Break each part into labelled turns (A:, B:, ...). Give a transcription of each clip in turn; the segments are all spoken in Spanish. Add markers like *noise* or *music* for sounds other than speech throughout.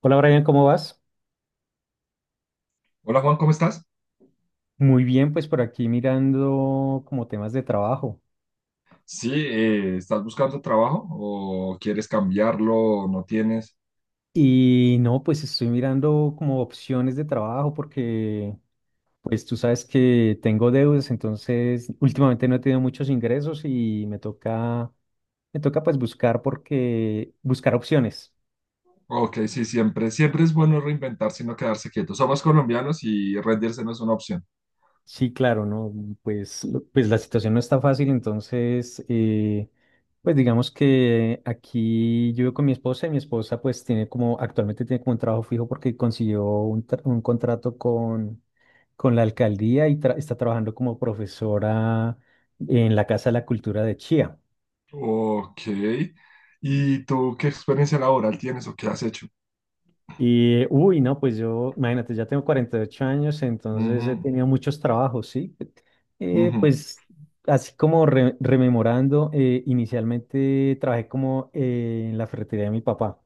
A: Hola Brian, ¿cómo vas?
B: Hola Juan, ¿cómo estás?
A: Muy bien, pues por aquí mirando como temas de trabajo.
B: Sí, ¿estás buscando trabajo o quieres cambiarlo o no tienes?
A: No, pues estoy mirando como opciones de trabajo porque pues tú sabes que tengo deudas, entonces últimamente no he tenido muchos ingresos y me toca pues buscar porque buscar opciones.
B: Ok, sí, siempre, siempre es bueno reinventarse y no quedarse quieto. Somos colombianos y rendirse no es una opción.
A: Sí, claro, ¿no? Pues la situación no está fácil, entonces, pues digamos que aquí yo vivo con mi esposa y mi esposa pues tiene como, actualmente tiene como un trabajo fijo porque consiguió un contrato con la alcaldía y está trabajando como profesora en la Casa de la Cultura de Chía.
B: Ok, ¿y tú qué experiencia laboral tienes o qué has hecho?
A: No, pues yo, imagínate, ya tengo 48 años, entonces he
B: Ujú,
A: tenido muchos trabajos, ¿sí? Eh,
B: ujú,
A: pues así como rememorando, inicialmente trabajé como en la ferretería de mi papá.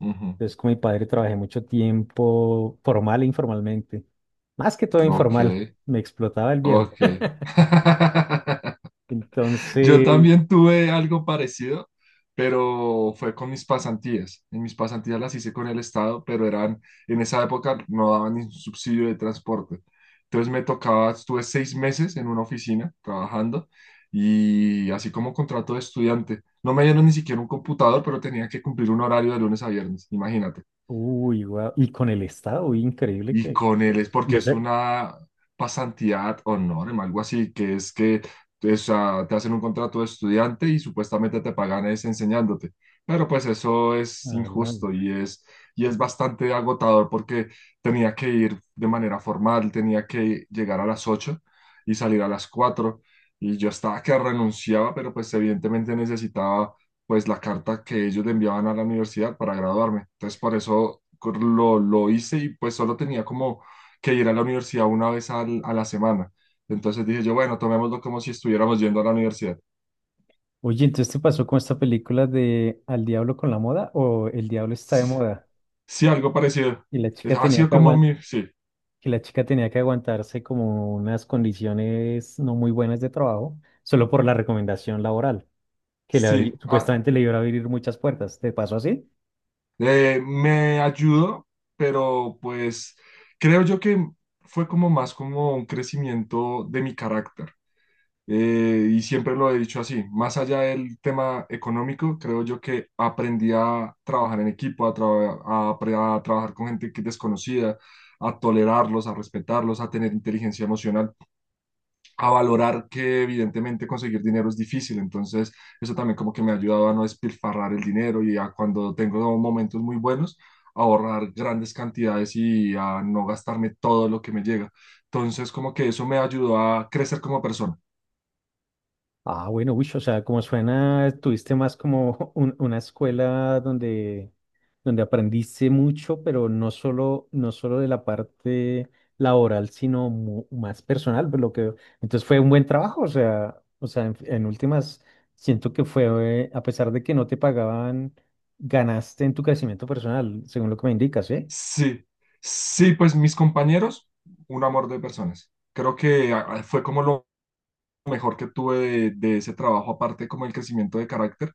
B: ujú.
A: Entonces con mi padre trabajé mucho tiempo, formal e informalmente. Más que todo
B: Ok,
A: informal, me explotaba el viejo.
B: ok.
A: *laughs*
B: *laughs* Yo
A: Entonces,
B: también tuve algo parecido, pero fue con mis pasantías. En mis pasantías las hice con el Estado, pero eran, en esa época no daban ni subsidio de transporte. Entonces me tocaba, estuve seis meses en una oficina trabajando y así como contrato de estudiante. No me dieron ni siquiera un computador, pero tenía que cumplir un horario de lunes a viernes, imagínate.
A: uy, guau. Y con el Estado, uy, increíble
B: Y
A: que...
B: con él es
A: Y
B: porque es
A: ese...
B: una pasantía ad honorem, algo así, que es que o sea, te hacen un contrato de estudiante y supuestamente te pagan es enseñándote. Pero pues eso es
A: Ah, no,
B: injusto
A: no.
B: y es bastante agotador porque tenía que ir de manera formal, tenía que llegar a las 8 y salir a las 4 y yo estaba que renunciaba, pero pues evidentemente necesitaba pues la carta que ellos le enviaban a la universidad para graduarme. Entonces por eso lo hice y pues solo tenía como que ir a la universidad una vez a la semana. Entonces dije yo, bueno, tomémoslo como si estuviéramos yendo a la universidad.
A: Oye, entonces te pasó con esta película de Al diablo con la moda o El diablo está de
B: Sí,
A: moda,
B: sí, algo parecido.
A: y la chica
B: Ha
A: tenía
B: sido
A: que
B: como
A: aguan-
B: mi, sí,
A: que la chica tenía que aguantarse como unas condiciones no muy buenas de trabajo solo por la recomendación laboral que
B: sí. Ah,
A: supuestamente le iba a abrir muchas puertas. ¿Te pasó así?
B: Me ayudó, pero pues creo yo que fue como más como un crecimiento de mi carácter. Y siempre lo he dicho así, más allá del tema económico, creo yo que aprendí a trabajar en equipo, a trabajar con gente que es desconocida, a tolerarlos, a respetarlos, a tener inteligencia emocional a valorar que evidentemente conseguir dinero es difícil, entonces eso también como que me ha ayudado a no despilfarrar el dinero y a cuando tengo momentos muy buenos, ahorrar grandes cantidades y a no gastarme todo lo que me llega. Entonces como que eso me ayudó a crecer como persona.
A: Ah, bueno, uy, o sea, como suena, tuviste más como *laughs* una escuela donde, donde aprendiste mucho, pero no solo de la parte laboral, sino más personal, por lo que veo. Entonces fue un buen trabajo, en últimas, siento que fue, a pesar de que no te pagaban, ganaste en tu crecimiento personal, según lo que me indicas, ¿eh?
B: Sí, sí, pues mis compañeros, un amor de personas. Creo que ah, fue como lo mejor que tuve de ese trabajo, aparte como el crecimiento de carácter,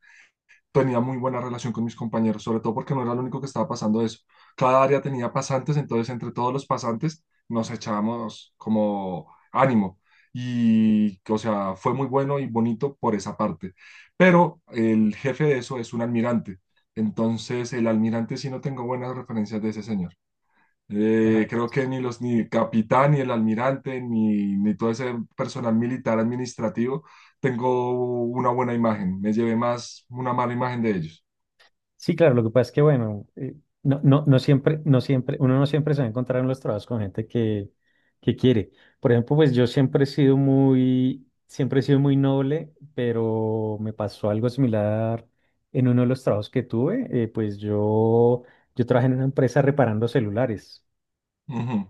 B: tenía muy buena relación con mis compañeros, sobre todo porque no era el único que estaba pasando eso. Cada área tenía pasantes, entonces entre todos los pasantes nos echábamos como ánimo. Y, o sea, fue muy bueno y bonito por esa parte. Pero el jefe de eso es un almirante. Entonces, el almirante sí no tengo buenas referencias de ese señor. Creo que ni capitán, ni el almirante, ni, ni todo ese personal militar administrativo tengo una buena imagen. Me llevé más una mala imagen de ellos.
A: Sí, claro, lo que pasa es que, bueno, no, no, no siempre, no siempre, uno no siempre se va a encontrar en los trabajos con gente que quiere. Por ejemplo, pues yo siempre he sido muy, siempre he sido muy noble, pero me pasó algo similar en uno de los trabajos que tuve. Yo trabajé en una empresa reparando celulares.
B: Ujú,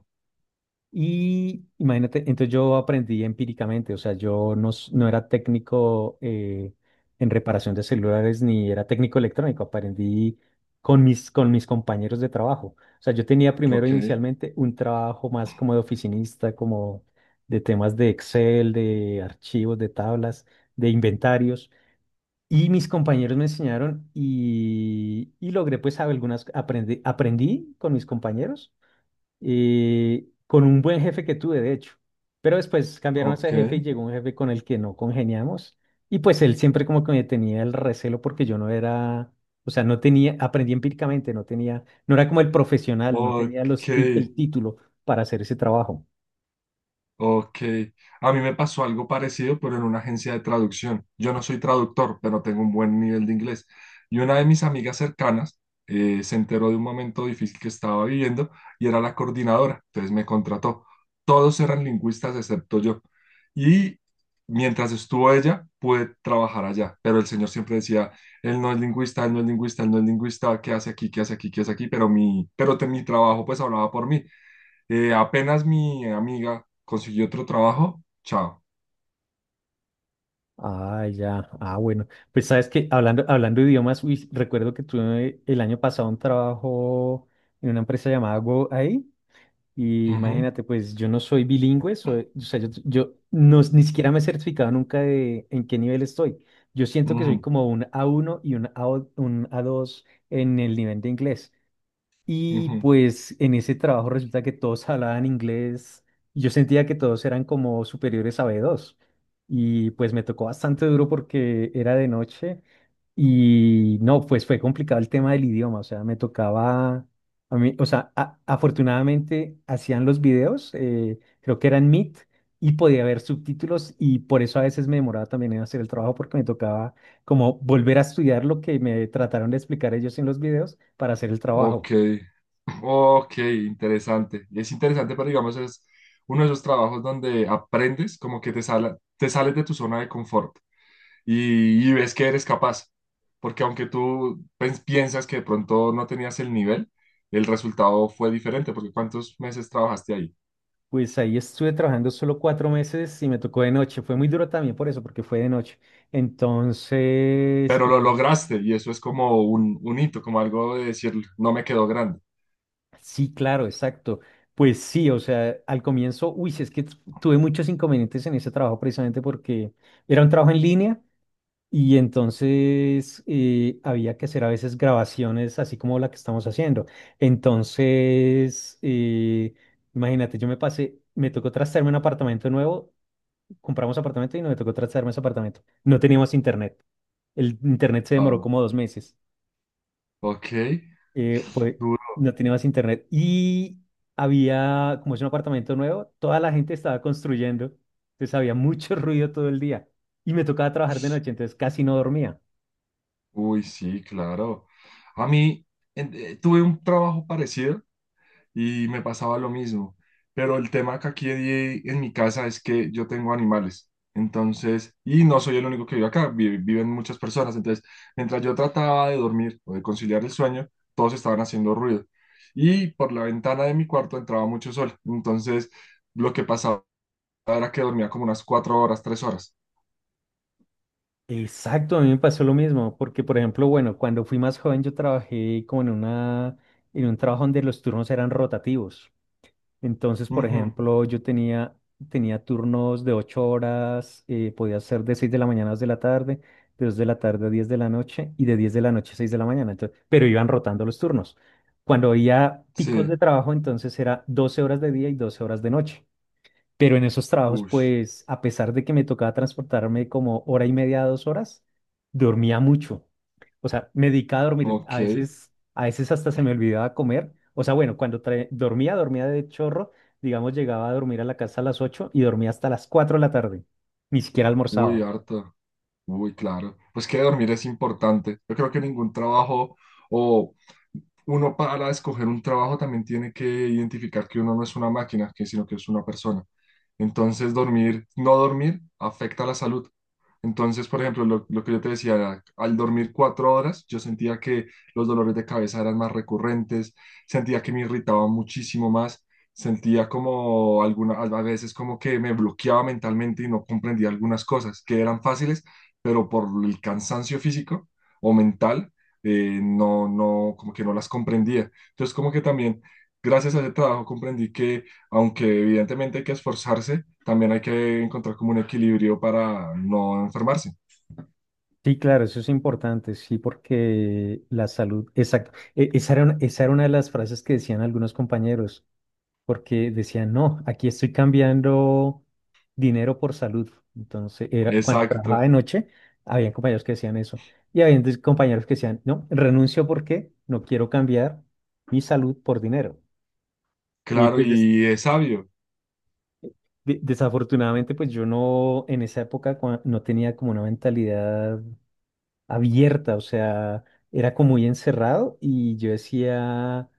A: Y imagínate, entonces yo aprendí empíricamente, o sea, yo no, s- no era técnico en reparación de celulares ni era técnico electrónico, aprendí con mis compañeros de trabajo. O sea, yo tenía primero
B: ok,
A: inicialmente un trabajo más como de oficinista, como de temas de Excel, de archivos, de tablas, de inventarios. Y mis compañeros me enseñaron y logré pues algunas, aprendí con mis compañeros y con un buen jefe que tuve, de hecho. Pero después cambiaron a
B: ok,
A: ese jefe y llegó un jefe con el que no congeniamos. Y pues él siempre como que me tenía el recelo porque yo no era, o sea, no tenía, aprendí empíricamente, no tenía, no era como el profesional, no tenía
B: ok.
A: el título para hacer ese trabajo.
B: Ok, a mí me pasó algo parecido, pero en una agencia de traducción. Yo no soy traductor, pero tengo un buen nivel de inglés. Y una de mis amigas cercanas se enteró de un momento difícil que estaba viviendo y era la coordinadora, entonces me contrató. Todos eran lingüistas excepto yo. Y mientras estuvo ella, pude trabajar allá, pero el señor siempre decía, él no es lingüista, él no es lingüista, él no es lingüista, ¿qué hace aquí? ¿Qué hace aquí? ¿Qué hace aquí? Mi trabajo pues hablaba por mí. Apenas mi amiga consiguió otro trabajo, chao.
A: Ah, ya, ah, bueno. Pues sabes que hablando, hablando de idiomas, uy, recuerdo que tuve el año pasado un trabajo en una empresa llamada Go. Y
B: Ujú,
A: imagínate, pues yo no soy bilingüe, soy, o sea, yo no, ni siquiera me he certificado nunca de en qué nivel estoy. Yo siento que soy
B: ujú,
A: como un A1 un A2 en el nivel de inglés. Y
B: ujú.
A: pues en ese trabajo resulta que todos *laughs* hablaban inglés. Y yo sentía que todos eran como superiores a B2. Y pues me tocó bastante duro porque era de noche y no, pues fue complicado el tema del idioma, o sea, me tocaba, a mí, o sea, afortunadamente hacían los videos, creo que eran Meet, y podía ver subtítulos y por eso a veces me demoraba también en hacer el trabajo porque me tocaba como volver a estudiar lo que me trataron de explicar ellos en los videos para hacer el trabajo.
B: Ok, *laughs* ok, interesante. Es interesante, pero digamos, es uno de esos trabajos donde aprendes como que te sales de tu zona de confort y ves que eres capaz. Porque aunque tú piensas que de pronto no tenías el nivel, el resultado fue diferente, porque ¿cuántos meses trabajaste ahí?
A: Pues ahí estuve trabajando solo 4 meses y me tocó de noche. Fue muy duro también por eso, porque fue de noche. Entonces,
B: Pero lo lograste y eso es como un hito, como algo de decir, no me quedó grande.
A: sí, claro, exacto. Pues sí, o sea, al comienzo, uy, sí, es que tuve muchos inconvenientes en ese trabajo precisamente porque era un trabajo en línea y entonces había que hacer a veces grabaciones así como la que estamos haciendo. Entonces, imagínate, me tocó trastearme un apartamento nuevo, compramos apartamento y no me tocó trastearme ese apartamento. No teníamos internet. El internet se demoró como 2 meses,
B: Ok,
A: eh, pues
B: duro.
A: no tenía más internet. Y había, como es un apartamento nuevo, toda la gente estaba construyendo. Entonces había mucho *laughs* ruido todo el día. Y me tocaba trabajar de noche, entonces casi no dormía.
B: Uy, sí, claro. A mí tuve un trabajo parecido y me pasaba lo mismo, pero el tema que aquí en mi casa es que yo tengo animales, entonces, y no soy el único que vive acá, viven muchas personas, entonces, mientras yo trataba de dormir o de conciliar el sueño, todos estaban haciendo ruido y por la ventana de mi cuarto entraba mucho sol, entonces lo que pasaba era que dormía como unas cuatro horas, tres horas.
A: Exacto, a mí me pasó lo mismo, porque por ejemplo, bueno, cuando fui más joven yo trabajé como en un trabajo donde los turnos eran rotativos. Entonces, por
B: Ujú,
A: ejemplo, tenía turnos de 8 horas, podía ser de 6 de la mañana a 2 de la tarde, de 2 de la tarde a 10 de la noche y de 10 de la noche a 6 de la mañana. Entonces, pero iban rotando los turnos. Cuando había picos
B: sí,
A: de trabajo, entonces era 12 horas de día y 12 horas de noche. Pero en esos trabajos,
B: uy,
A: pues, a pesar de que me tocaba transportarme como hora y media, 2 horas, dormía mucho. O sea, me dedicaba a dormir.
B: ok.
A: A veces hasta se me olvidaba comer. O sea, bueno, dormía, dormía de chorro. Digamos, llegaba a dormir a la casa a las 8 y dormía hasta las 4 de la tarde. Ni siquiera
B: Uy,
A: almorzaba.
B: harto. Muy claro. Pues que dormir es importante. Yo creo que ningún trabajo o uno para escoger un trabajo también tiene que identificar que uno no es una máquina, que sino que es una persona. Entonces, dormir, no dormir afecta la salud. Entonces, por ejemplo, lo que yo te decía, al dormir cuatro horas, yo sentía que los dolores de cabeza eran más recurrentes, sentía que me irritaba muchísimo más, sentía como alguna, a veces como que me bloqueaba mentalmente y no comprendía algunas cosas que eran fáciles, pero por el cansancio físico o mental, no, no, como que no las comprendía. Entonces, como que también, gracias a ese trabajo, comprendí que, aunque evidentemente hay que esforzarse, también hay que encontrar como un equilibrio para no enfermarse.
A: Sí, claro, eso es importante, sí, porque la salud, exacto. Esa era una de las frases que decían algunos compañeros. Porque decían, no, aquí estoy cambiando dinero por salud. Entonces, era, cuando trabajaba
B: Exacto,
A: de noche, había compañeros que decían eso. Y había entonces compañeros que decían, no, renuncio porque no quiero cambiar mi salud por dinero. Y
B: claro,
A: pues des-
B: y es sabio.
A: desafortunadamente, pues yo no, en esa época no tenía como una mentalidad abierta, o sea, era como muy encerrado y yo decía,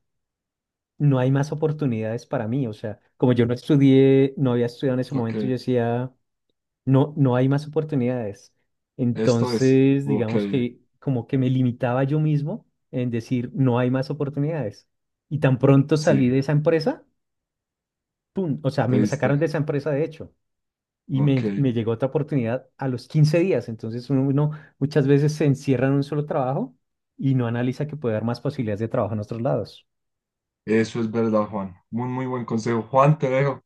A: no hay más oportunidades para mí, o sea, como yo no estudié, no había estudiado en ese
B: Ok,
A: momento, yo decía no, no hay más oportunidades.
B: esto es.
A: Entonces,
B: Ok,
A: digamos que como que me limitaba yo mismo en decir, no hay más oportunidades. Y tan pronto salí
B: sí,
A: de esa empresa, ¡pum! O sea, a
B: te
A: mí me
B: diste.
A: sacaron de esa empresa, de hecho, y
B: Ok,
A: me llegó otra oportunidad a los 15 días. Entonces, uno muchas veces se encierra en un solo trabajo y no analiza que puede haber más posibilidades de trabajo en otros lados.
B: eso es verdad, Juan. Muy, muy buen consejo. Juan, te dejo.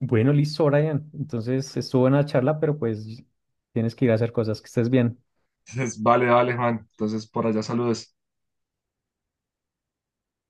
A: Bueno, listo, Brian. Entonces, estuvo en la charla, pero pues tienes que ir a hacer cosas, que estés bien.
B: *laughs* Entonces, vale, vale, Juan. Entonces, por allá saludes.